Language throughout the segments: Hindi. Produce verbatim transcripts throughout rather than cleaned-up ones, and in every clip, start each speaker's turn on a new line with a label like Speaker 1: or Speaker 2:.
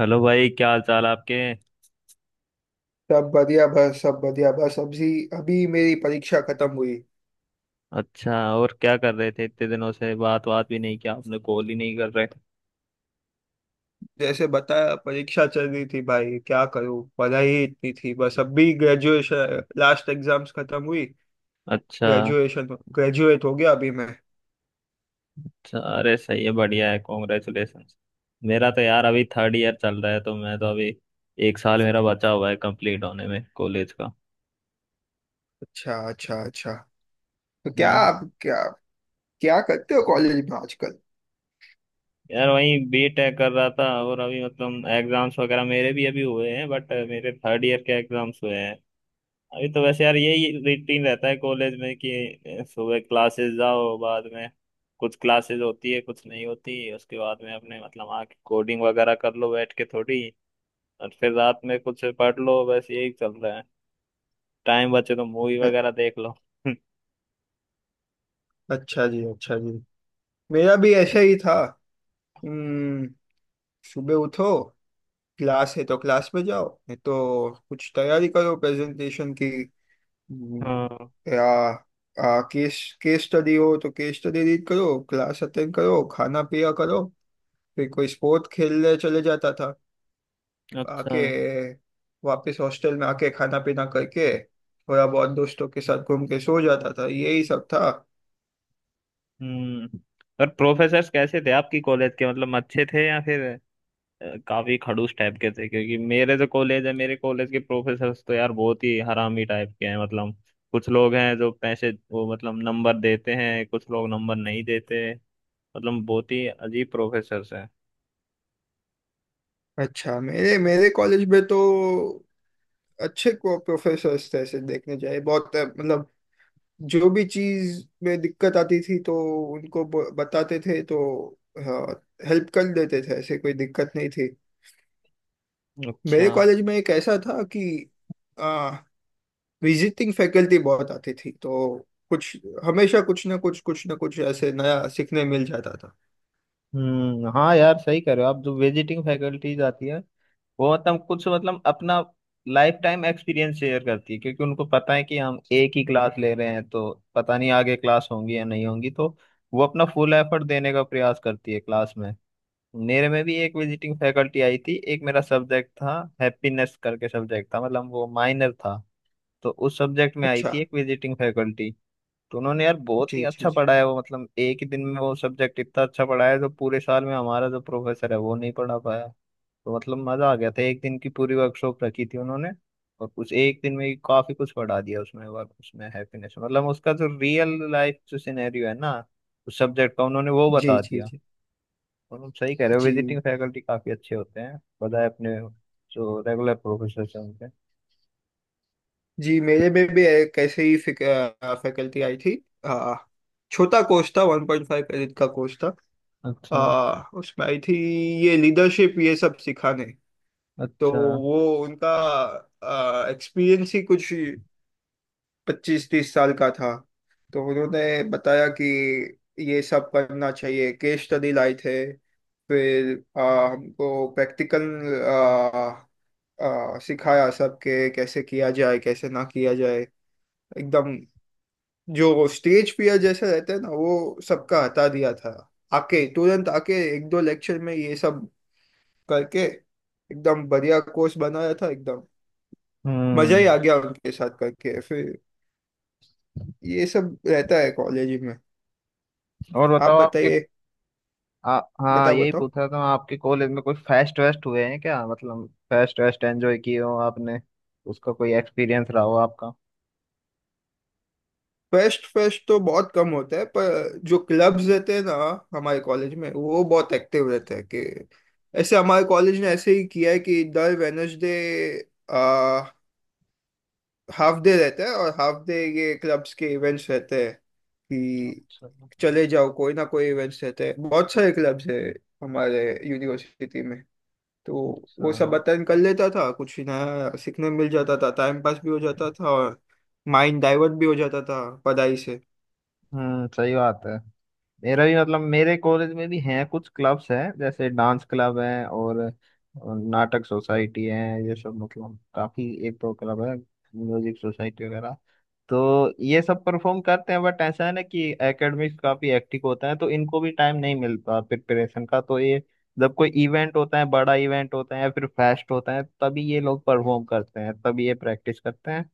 Speaker 1: हेलो भाई, क्या हाल चाल आपके।
Speaker 2: सब बढ़िया बस सब बढ़िया बस अभी अभी मेरी परीक्षा खत्म हुई।
Speaker 1: अच्छा, और क्या कर रहे थे, इतने दिनों से बात बात भी नहीं किया आपने, कॉल ही नहीं कर रहे।
Speaker 2: जैसे बताया, परीक्षा चल रही थी भाई, क्या करूँ, पढ़ाई ही इतनी थी। बस अभी ग्रेजुएशन लास्ट एग्जाम्स खत्म हुई।
Speaker 1: अच्छा।
Speaker 2: ग्रेजुएशन ग्रेजुएट हो गया अभी मैं।
Speaker 1: अच्छा, अरे सही है, बढ़िया है, कॉन्ग्रेचुलेशन। मेरा तो यार अभी थर्ड ईयर चल रहा है, तो मैं तो अभी एक साल मेरा बचा हुआ है कंप्लीट होने में कॉलेज का।
Speaker 2: अच्छा अच्छा अच्छा। तो क्या
Speaker 1: हम्म।
Speaker 2: आप क्या क्या करते हो कॉलेज में आजकल?
Speaker 1: यार वही बी टेक कर रहा था, और अभी मतलब एग्जाम्स वगैरह मेरे भी अभी हुए हैं, बट मेरे थर्ड ईयर के एग्जाम्स हुए हैं। अभी तो वैसे यार यही रूटीन रहता है कॉलेज में कि अ, सुबह क्लासेस जाओ, बाद में कुछ क्लासेस होती है कुछ नहीं होती, उसके बाद में अपने मतलब आके कोडिंग वगैरह कर लो बैठ के थोड़ी। और फिर रात में कुछ पढ़ लो, बस यही चल रहा है। टाइम बचे तो मूवी
Speaker 2: अ-
Speaker 1: वगैरह देख लो।
Speaker 2: अच्छा जी, अच्छा जी। मेरा भी ऐसा ही था। हम्म। सुबह उठो। क्लास है तो क्लास में जाओ, नहीं तो कुछ तैयारी करो प्रेजेंटेशन की। હમ.
Speaker 1: हाँ।
Speaker 2: કે આ આ કેસ કેસ સ્ટડી हो तो केस स्टडी रीड करो। क्लास अटेंड करो, खाना पिया करो। फिर कोई स्पोर्ट खेलने चले जाता था।
Speaker 1: अच्छा।
Speaker 2: आके वापस हॉस्टल में आके खाना पीना करके थोड़ा बहुत दोस्तों के साथ घूम के सो जाता था। यही सब था।
Speaker 1: हम्म। और प्रोफेसर्स कैसे थे आपकी कॉलेज के, मतलब अच्छे थे या फिर काफी खड़ूस टाइप के थे? क्योंकि मेरे जो कॉलेज है, मेरे कॉलेज के प्रोफेसर्स तो यार बहुत ही हरामी टाइप के हैं, मतलब कुछ लोग हैं जो पैसे वो मतलब नंबर देते हैं, कुछ लोग नंबर नहीं देते। मतलब बहुत ही अजीब प्रोफेसर्स हैं।
Speaker 2: अच्छा। मेरे मेरे कॉलेज में तो अच्छे को प्रोफेसर्स थे ऐसे देखने जाए, बहुत मतलब। जो भी चीज में दिक्कत आती थी तो उनको ब- बताते थे तो। हाँ। हेल्प कर देते थे, ऐसे कोई दिक्कत नहीं थी।
Speaker 1: अच्छा।
Speaker 2: मेरे कॉलेज में एक ऐसा था कि आ, विजिटिंग फैकल्टी बहुत आती थी। तो कुछ हमेशा कुछ ना कुछ कुछ ना कुछ ऐसे नया सीखने मिल जाता था।
Speaker 1: हम्म, हाँ यार सही कह रहे हो आप। जो विजिटिंग फैकल्टीज आती है वो मतलब कुछ मतलब अपना लाइफ टाइम एक्सपीरियंस शेयर करती है, क्योंकि उनको पता है कि हम एक ही क्लास ले रहे हैं, तो पता नहीं आगे क्लास होंगी या नहीं होंगी, तो वो अपना फुल एफर्ट देने का प्रयास करती है क्लास में। मेरे में भी एक विजिटिंग फैकल्टी आई थी, एक मेरा सब्जेक्ट था हैप्पीनेस करके सब्जेक्ट था, मतलब वो माइनर था। तो उस सब्जेक्ट में आई
Speaker 2: अच्छा।
Speaker 1: थी एक विजिटिंग फैकल्टी। तो उन्होंने यार बहुत ही
Speaker 2: जी जी
Speaker 1: अच्छा
Speaker 2: जी
Speaker 1: पढ़ाया, वो मतलब एक ही दिन में वो सब्जेक्ट इतना अच्छा पढ़ाया जो पूरे साल में हमारा जो प्रोफेसर है वो नहीं पढ़ा पाया। तो मतलब मजा आ गया था, एक दिन की पूरी वर्कशॉप रखी थी उन्होंने। और उस एक दिन में ही काफी कुछ पढ़ा दिया उसमें, वर्क उसमें हैप्पीनेस मतलब उसका जो रियल लाइफ जो सिनेरियो है ना, उस सब्जेक्ट का उन्होंने वो
Speaker 2: जी
Speaker 1: बता
Speaker 2: जी
Speaker 1: दिया।
Speaker 2: जी
Speaker 1: और हम सही कह रहे हो, विजिटिंग
Speaker 2: जी
Speaker 1: फैकल्टी काफी अच्छे होते हैं बजाय अपने जो रेगुलर प्रोफेसर हैं उनके।
Speaker 2: जी। मेरे में भी एक ऐसे ही फैकल्टी आई थी। आ, छोटा कोर्स था, वन पॉइंट फाइव क्रेडिट का कोर्स था।
Speaker 1: अच्छा।
Speaker 2: हाँ, उसमें आई थी ये लीडरशिप ये सब सिखाने। तो
Speaker 1: अच्छा।
Speaker 2: वो उनका एक्सपीरियंस ही कुछ पच्चीस तीस साल का था। तो उन्होंने बताया कि ये सब करना चाहिए, केस स्टडी लाए थे। फिर आ, हमको प्रैक्टिकल सिखाया सब के कैसे किया जाए कैसे ना किया जाए, एकदम। जो स्टेज फियर जैसे रहते हैं ना, वो सबका हटा दिया था। आके तुरंत आके एक दो लेक्चर में ये सब करके एकदम बढ़िया कोर्स बनाया था, एकदम। मजा
Speaker 1: हम्म।
Speaker 2: ही आ गया उनके साथ करके फिर। ये सब रहता है कॉलेज में।
Speaker 1: और
Speaker 2: आप
Speaker 1: बताओ आपके।
Speaker 2: बताइए।
Speaker 1: आ, हाँ
Speaker 2: बताओ
Speaker 1: यही
Speaker 2: बताओ।
Speaker 1: पूछ रहा था मैं, आपके कॉलेज में कोई फेस्ट वेस्ट हुए हैं क्या, मतलब फेस्ट वेस्ट एंजॉय किए हो आपने? उसका कोई एक्सपीरियंस रहा हो आपका?
Speaker 2: फेस्ट फेस्ट तो बहुत कम होता है, पर जो क्लब्स रहते हैं ना हमारे कॉलेज में, वो बहुत एक्टिव रहते हैं। कि ऐसे हमारे कॉलेज ने ऐसे ही किया है कि दर वेनसडे आ हाफ डे रहता है और हाफ डे ये क्लब्स के इवेंट्स रहते हैं। कि
Speaker 1: अच्छा।
Speaker 2: चले जाओ, कोई ना कोई इवेंट्स रहते हैं, बहुत सारे क्लब्स है हमारे यूनिवर्सिटी में। तो
Speaker 1: अच्छा।
Speaker 2: वो सब अटेंड कर लेता था, कुछ नया सीखने मिल जाता था, टाइम पास भी हो जाता था और माइंड डाइवर्ट भी हो जाता था पढ़ाई से।
Speaker 1: हम्म, सही बात है। मेरा भी मतलब मेरे कॉलेज में भी हैं कुछ क्लब्स हैं, जैसे डांस क्लब है और और नाटक सोसाइटी है, ये सब मतलब काफी एक दो क्लब है, म्यूजिक सोसाइटी वगैरह। तो ये सब परफॉर्म करते हैं, बट ऐसा है ना कि एकेडमिक्स काफी एक्टिव होता है, तो इनको भी टाइम नहीं मिलता प्रिपरेशन का, तो ये जब कोई इवेंट होता है, बड़ा इवेंट होता है या फिर फेस्ट होता है तभी ये लोग परफॉर्म करते हैं, तभी ये प्रैक्टिस करते हैं।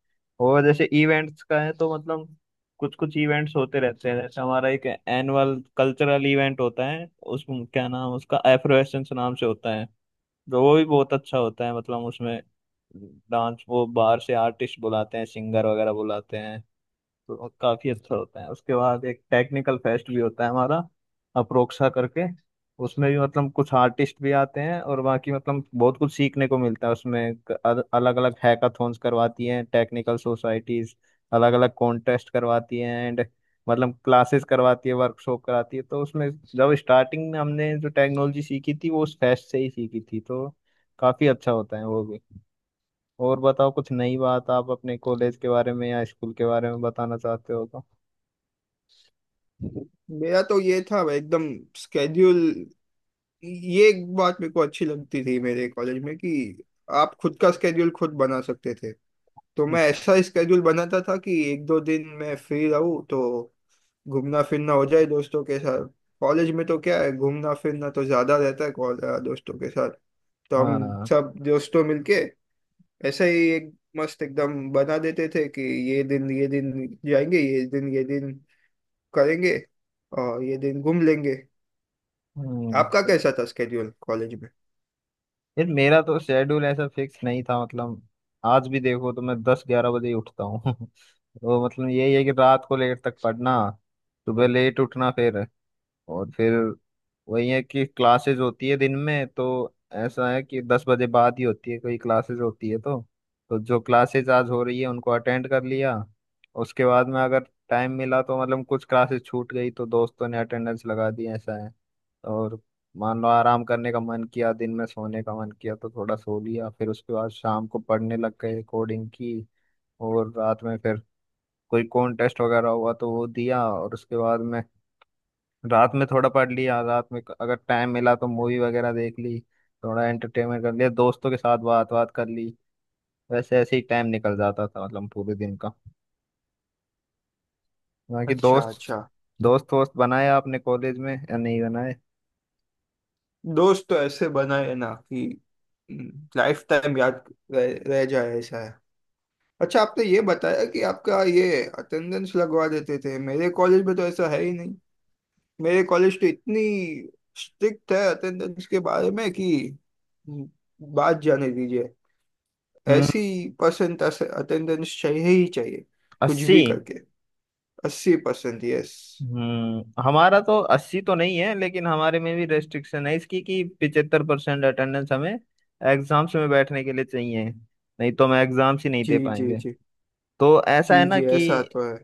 Speaker 1: और जैसे इवेंट्स का है तो मतलब कुछ कुछ इवेंट्स होते रहते हैं, जैसे हमारा एक एनुअल कल्चरल इवेंट होता है, उस क्या नाम उसका एफ्रोएसेंस नाम से होता है। तो वो भी बहुत अच्छा होता है, मतलब उसमें डांस वो बाहर से आर्टिस्ट बुलाते हैं, सिंगर वगैरह बुलाते हैं, तो काफी अच्छा होता है। उसके बाद एक टेक्निकल फेस्ट भी होता है हमारा, अप्रोक्सा करके। उसमें भी मतलब कुछ आर्टिस्ट भी आते हैं और बाकी मतलब बहुत कुछ सीखने को मिलता है उसमें। अलग अलग हैकाथॉन्स करवाती हैं टेक्निकल सोसाइटीज, अलग अलग कॉन्टेस्ट करवाती हैं एंड मतलब क्लासेस करवाती है, वर्कशॉप कराती है, तो उसमें जब स्टार्टिंग में हमने जो टेक्नोलॉजी सीखी थी वो उस फेस्ट से ही सीखी थी, तो काफी अच्छा होता है वो भी। और बताओ कुछ नई बात आप अपने कॉलेज के बारे में या स्कूल के बारे में बताना चाहते हो तो?
Speaker 2: मेरा तो ये था एकदम स्केड्यूल। ये एक बात मेरे को अच्छी लगती थी मेरे कॉलेज में कि आप खुद का स्केड्यूल खुद बना सकते थे। तो मैं ऐसा स्केड्यूल बनाता था कि एक दो दिन मैं फ्री रहूँ तो घूमना फिरना हो जाए दोस्तों के साथ। कॉलेज में तो क्या है, घूमना फिरना तो ज्यादा रहता है कॉल- दोस्तों के साथ। तो हम
Speaker 1: हाँ।
Speaker 2: सब दोस्तों मिलके ऐसे ही एक मस्त एकदम बना देते थे कि ये दिन ये दिन जाएंगे, ये दिन ये दिन करेंगे और ये दिन घूम लेंगे।
Speaker 1: हम्म।
Speaker 2: आपका
Speaker 1: तो
Speaker 2: कैसा था स्केड्यूल कॉलेज में?
Speaker 1: यार मेरा तो शेड्यूल ऐसा फिक्स नहीं था, मतलब आज भी देखो तो मैं दस ग्यारह बजे ही उठता हूँ। तो मतलब यही है कि रात को लेट तक पढ़ना, सुबह लेट उठना, फिर और फिर वही है कि क्लासेस होती है दिन में, तो ऐसा है कि दस बजे बाद ही होती है कोई क्लासेस होती है, तो तो जो क्लासेस आज हो रही है उनको अटेंड कर लिया, उसके बाद में अगर टाइम मिला तो मतलब कुछ क्लासेस छूट गई तो दोस्तों ने अटेंडेंस लगा दी, ऐसा है। और मान लो आराम करने का मन किया, दिन में सोने का मन किया तो थोड़ा सो लिया, फिर उसके बाद शाम को पढ़ने लग गए कोडिंग की। और रात में फिर कोई कॉन्टेस्ट वगैरह हुआ तो वो दिया, और उसके बाद में रात में थोड़ा पढ़ लिया, रात में अगर टाइम मिला तो मूवी वगैरह देख ली, थोड़ा एंटरटेनमेंट कर लिया दोस्तों के साथ, बात बात कर ली। वैसे ऐसे ही टाइम निकल जाता था मतलब पूरे दिन का। बाकी
Speaker 2: अच्छा
Speaker 1: दोस्त
Speaker 2: अच्छा।
Speaker 1: दोस्त वोस्त बनाए आपने कॉलेज में या नहीं बनाए?
Speaker 2: दोस्त तो ऐसे बनाए हैं ना कि लाइफ टाइम याद रह, रह जाए, ऐसा है। अच्छा आपने ये बताया कि आपका ये अटेंडेंस लगवा देते थे, मेरे कॉलेज में तो ऐसा है ही नहीं। मेरे कॉलेज तो इतनी स्ट्रिक्ट है अटेंडेंस के बारे में कि हम्म, बात जाने दीजिए।
Speaker 1: हम्म।
Speaker 2: ऐसी परसेंट अटेंडेंस चाहिए ही चाहिए, कुछ
Speaker 1: अस्सी।
Speaker 2: भी करके। अस्सी परसेंट, यस।
Speaker 1: हम्म, हमारा तो अस्सी तो नहीं है, लेकिन हमारे में भी रेस्ट्रिक्शन है इसकी कि पिचहत्तर परसेंट अटेंडेंस हमें एग्जाम्स में बैठने के लिए चाहिए, नहीं तो हम एग्जाम्स ही नहीं
Speaker 2: जी
Speaker 1: दे
Speaker 2: जी
Speaker 1: पाएंगे।
Speaker 2: जी
Speaker 1: तो ऐसा है
Speaker 2: जी
Speaker 1: ना
Speaker 2: जी, ऐसा
Speaker 1: कि
Speaker 2: तो है।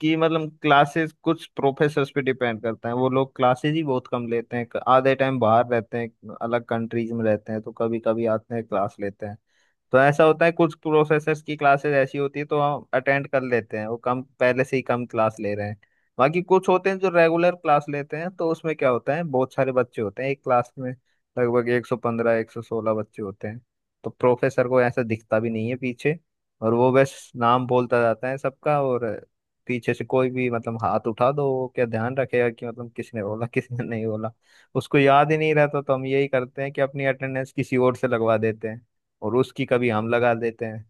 Speaker 1: कि मतलब क्लासेस कुछ प्रोफेसर्स पे डिपेंड करता है, वो लोग क्लासेस ही बहुत कम लेते हैं, आधे टाइम बाहर रहते हैं अलग कंट्रीज में रहते हैं, तो कभी कभी आते हैं क्लास लेते हैं। तो ऐसा होता है कुछ प्रोसेसर्स की क्लासेस ऐसी होती है, तो हम अटेंड कर लेते हैं, वो कम पहले से ही कम क्लास ले रहे हैं। बाकी कुछ होते हैं जो रेगुलर क्लास लेते हैं, तो उसमें क्या होता है, बहुत सारे बच्चे होते हैं एक क्लास में, लगभग एक सौ पंद्रह एक सौ सोलह बच्चे होते हैं। तो प्रोफेसर को ऐसा दिखता भी नहीं है पीछे, और वो बस नाम बोलता जाता है सबका, और पीछे से कोई भी मतलब हाथ उठा दो वो क्या ध्यान रखेगा कि मतलब किसने बोला किसने नहीं बोला। उसको याद ही नहीं रहता, तो हम यही करते हैं कि अपनी अटेंडेंस किसी और से लगवा देते हैं, और उसकी कभी हम लगा देते हैं,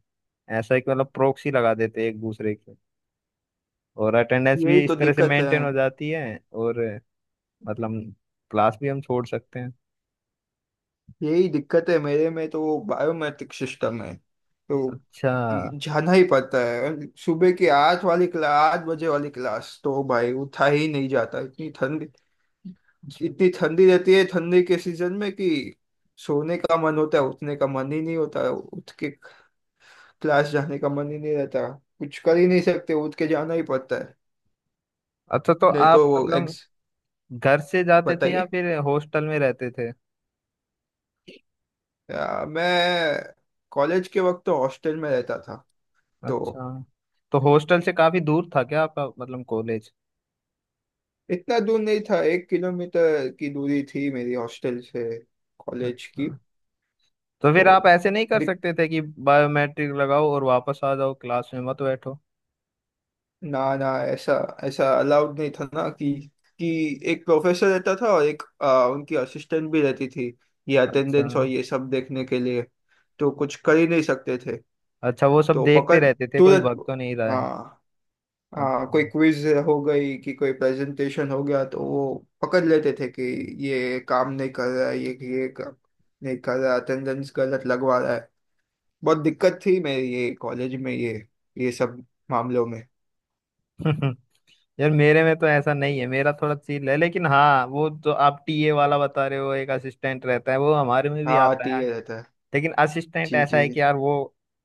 Speaker 1: ऐसा है कि मतलब प्रॉक्सी लगा देते हैं एक दूसरे की। और अटेंडेंस भी
Speaker 2: यही
Speaker 1: इस
Speaker 2: तो
Speaker 1: तरह से
Speaker 2: दिक्कत है।
Speaker 1: मेंटेन हो जाती है, और मतलब क्लास भी हम छोड़ सकते हैं।
Speaker 2: यही दिक्कत है मेरे में। तो वो बायोमेट्रिक सिस्टम है तो
Speaker 1: अच्छा।
Speaker 2: जाना ही पड़ता है। सुबह की आठ वाली क्लास, आठ बजे वाली क्लास तो भाई उठा ही नहीं जाता, इतनी ठंडी। इतनी ठंडी रहती है ठंडी के सीजन में कि सोने का मन होता है, उठने का मन ही नहीं होता। उठ के क्लास जाने का मन ही नहीं रहता। कुछ कर ही नहीं सकते, उठ के जाना ही पड़ता है।
Speaker 1: अच्छा, तो
Speaker 2: नहीं
Speaker 1: आप
Speaker 2: तो वो
Speaker 1: मतलब
Speaker 2: एग्ज
Speaker 1: घर से जाते थे या
Speaker 2: बताइए।
Speaker 1: फिर हॉस्टल में रहते थे?
Speaker 2: आ, मैं कॉलेज के वक्त तो हॉस्टल में रहता था तो।
Speaker 1: अच्छा, तो हॉस्टल से काफी दूर था क्या आपका मतलब कॉलेज?
Speaker 2: इतना दूर नहीं था, एक किलोमीटर की दूरी थी मेरी हॉस्टल से कॉलेज
Speaker 1: अच्छा,
Speaker 2: की।
Speaker 1: तो
Speaker 2: तो
Speaker 1: फिर आप ऐसे नहीं कर
Speaker 2: दिक,
Speaker 1: सकते थे कि बायोमेट्रिक लगाओ और वापस आ जाओ, क्लास में मत बैठो?
Speaker 2: ना ना, ऐसा ऐसा अलाउड नहीं था ना कि कि एक प्रोफेसर रहता था और एक आ, उनकी असिस्टेंट भी रहती थी, ये
Speaker 1: अच्छा।
Speaker 2: अटेंडेंस और ये सब देखने के लिए। तो कुछ कर ही नहीं सकते थे।
Speaker 1: अच्छा, वो सब
Speaker 2: तो
Speaker 1: देखते
Speaker 2: पकड़
Speaker 1: रहते थे कोई
Speaker 2: तुरंत।
Speaker 1: भाग तो नहीं रहा है।
Speaker 2: हाँ। हाँ, कोई
Speaker 1: अच्छा।
Speaker 2: क्विज हो गई कि कोई प्रेजेंटेशन हो गया तो वो पकड़ लेते थे कि ये काम नहीं कर रहा है, ये ये काम नहीं कर रहा, अटेंडेंस गलत लगवा रहा है। बहुत दिक्कत थी मेरी ये कॉलेज में, ये ये सब मामलों में।
Speaker 1: यार मेरे में तो ऐसा नहीं है, मेरा थोड़ा चिल है, लेकिन हाँ वो जो आप टी ए वाला बता रहे हो, एक असिस्टेंट रहता है वो हमारे में भी
Speaker 2: हाँ,
Speaker 1: आता है,
Speaker 2: टी ए रहता है।
Speaker 1: लेकिन असिस्टेंट
Speaker 2: जी
Speaker 1: ऐसा
Speaker 2: जी
Speaker 1: है कि
Speaker 2: जी।
Speaker 1: यार वो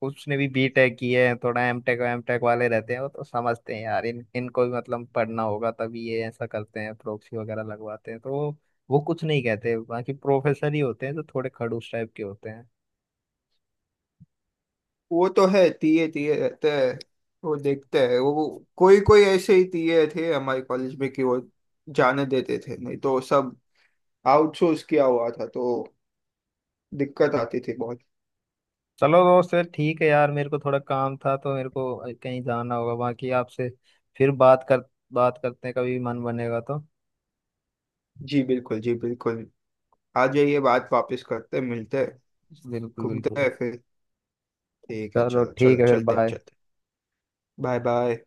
Speaker 1: उसने भी बी टेक की है, थोड़ा एमटेक एमटेक वाले रहते हैं, वो तो समझते हैं यार इन इनको भी मतलब पढ़ना होगा, तभी ये ऐसा करते हैं प्रोक्सी वगैरह लगवाते हैं। तो वो वो कुछ नहीं कहते, बाकी प्रोफेसर ही होते हैं जो थोड़े खड़ूस टाइप के होते।
Speaker 2: वो तो है, टी ए टी ए रहते हैं, वो देखते हैं। वो कोई कोई ऐसे ही टी ए थे हमारे कॉलेज में कि वो जाने देते थे, नहीं तो सब आउटसोर्स किया हुआ था तो दिक्कत आती थी बहुत।
Speaker 1: चलो दोस्त, फिर ठीक है यार, मेरे को थोड़ा काम था तो मेरे को कहीं जाना होगा, बाकी आपसे फिर बात कर बात करते हैं, कभी मन बनेगा तो।
Speaker 2: जी बिल्कुल, जी बिल्कुल। आ जाइए, बात वापस करते हैं, मिलते हैं,
Speaker 1: बिल्कुल
Speaker 2: घूमते
Speaker 1: बिल्कुल।
Speaker 2: हैं फिर। ठीक है,
Speaker 1: चलो
Speaker 2: चलो
Speaker 1: ठीक
Speaker 2: चलो,
Speaker 1: है, फिर
Speaker 2: चलते हैं,
Speaker 1: बाय।
Speaker 2: चलते। Bye bye.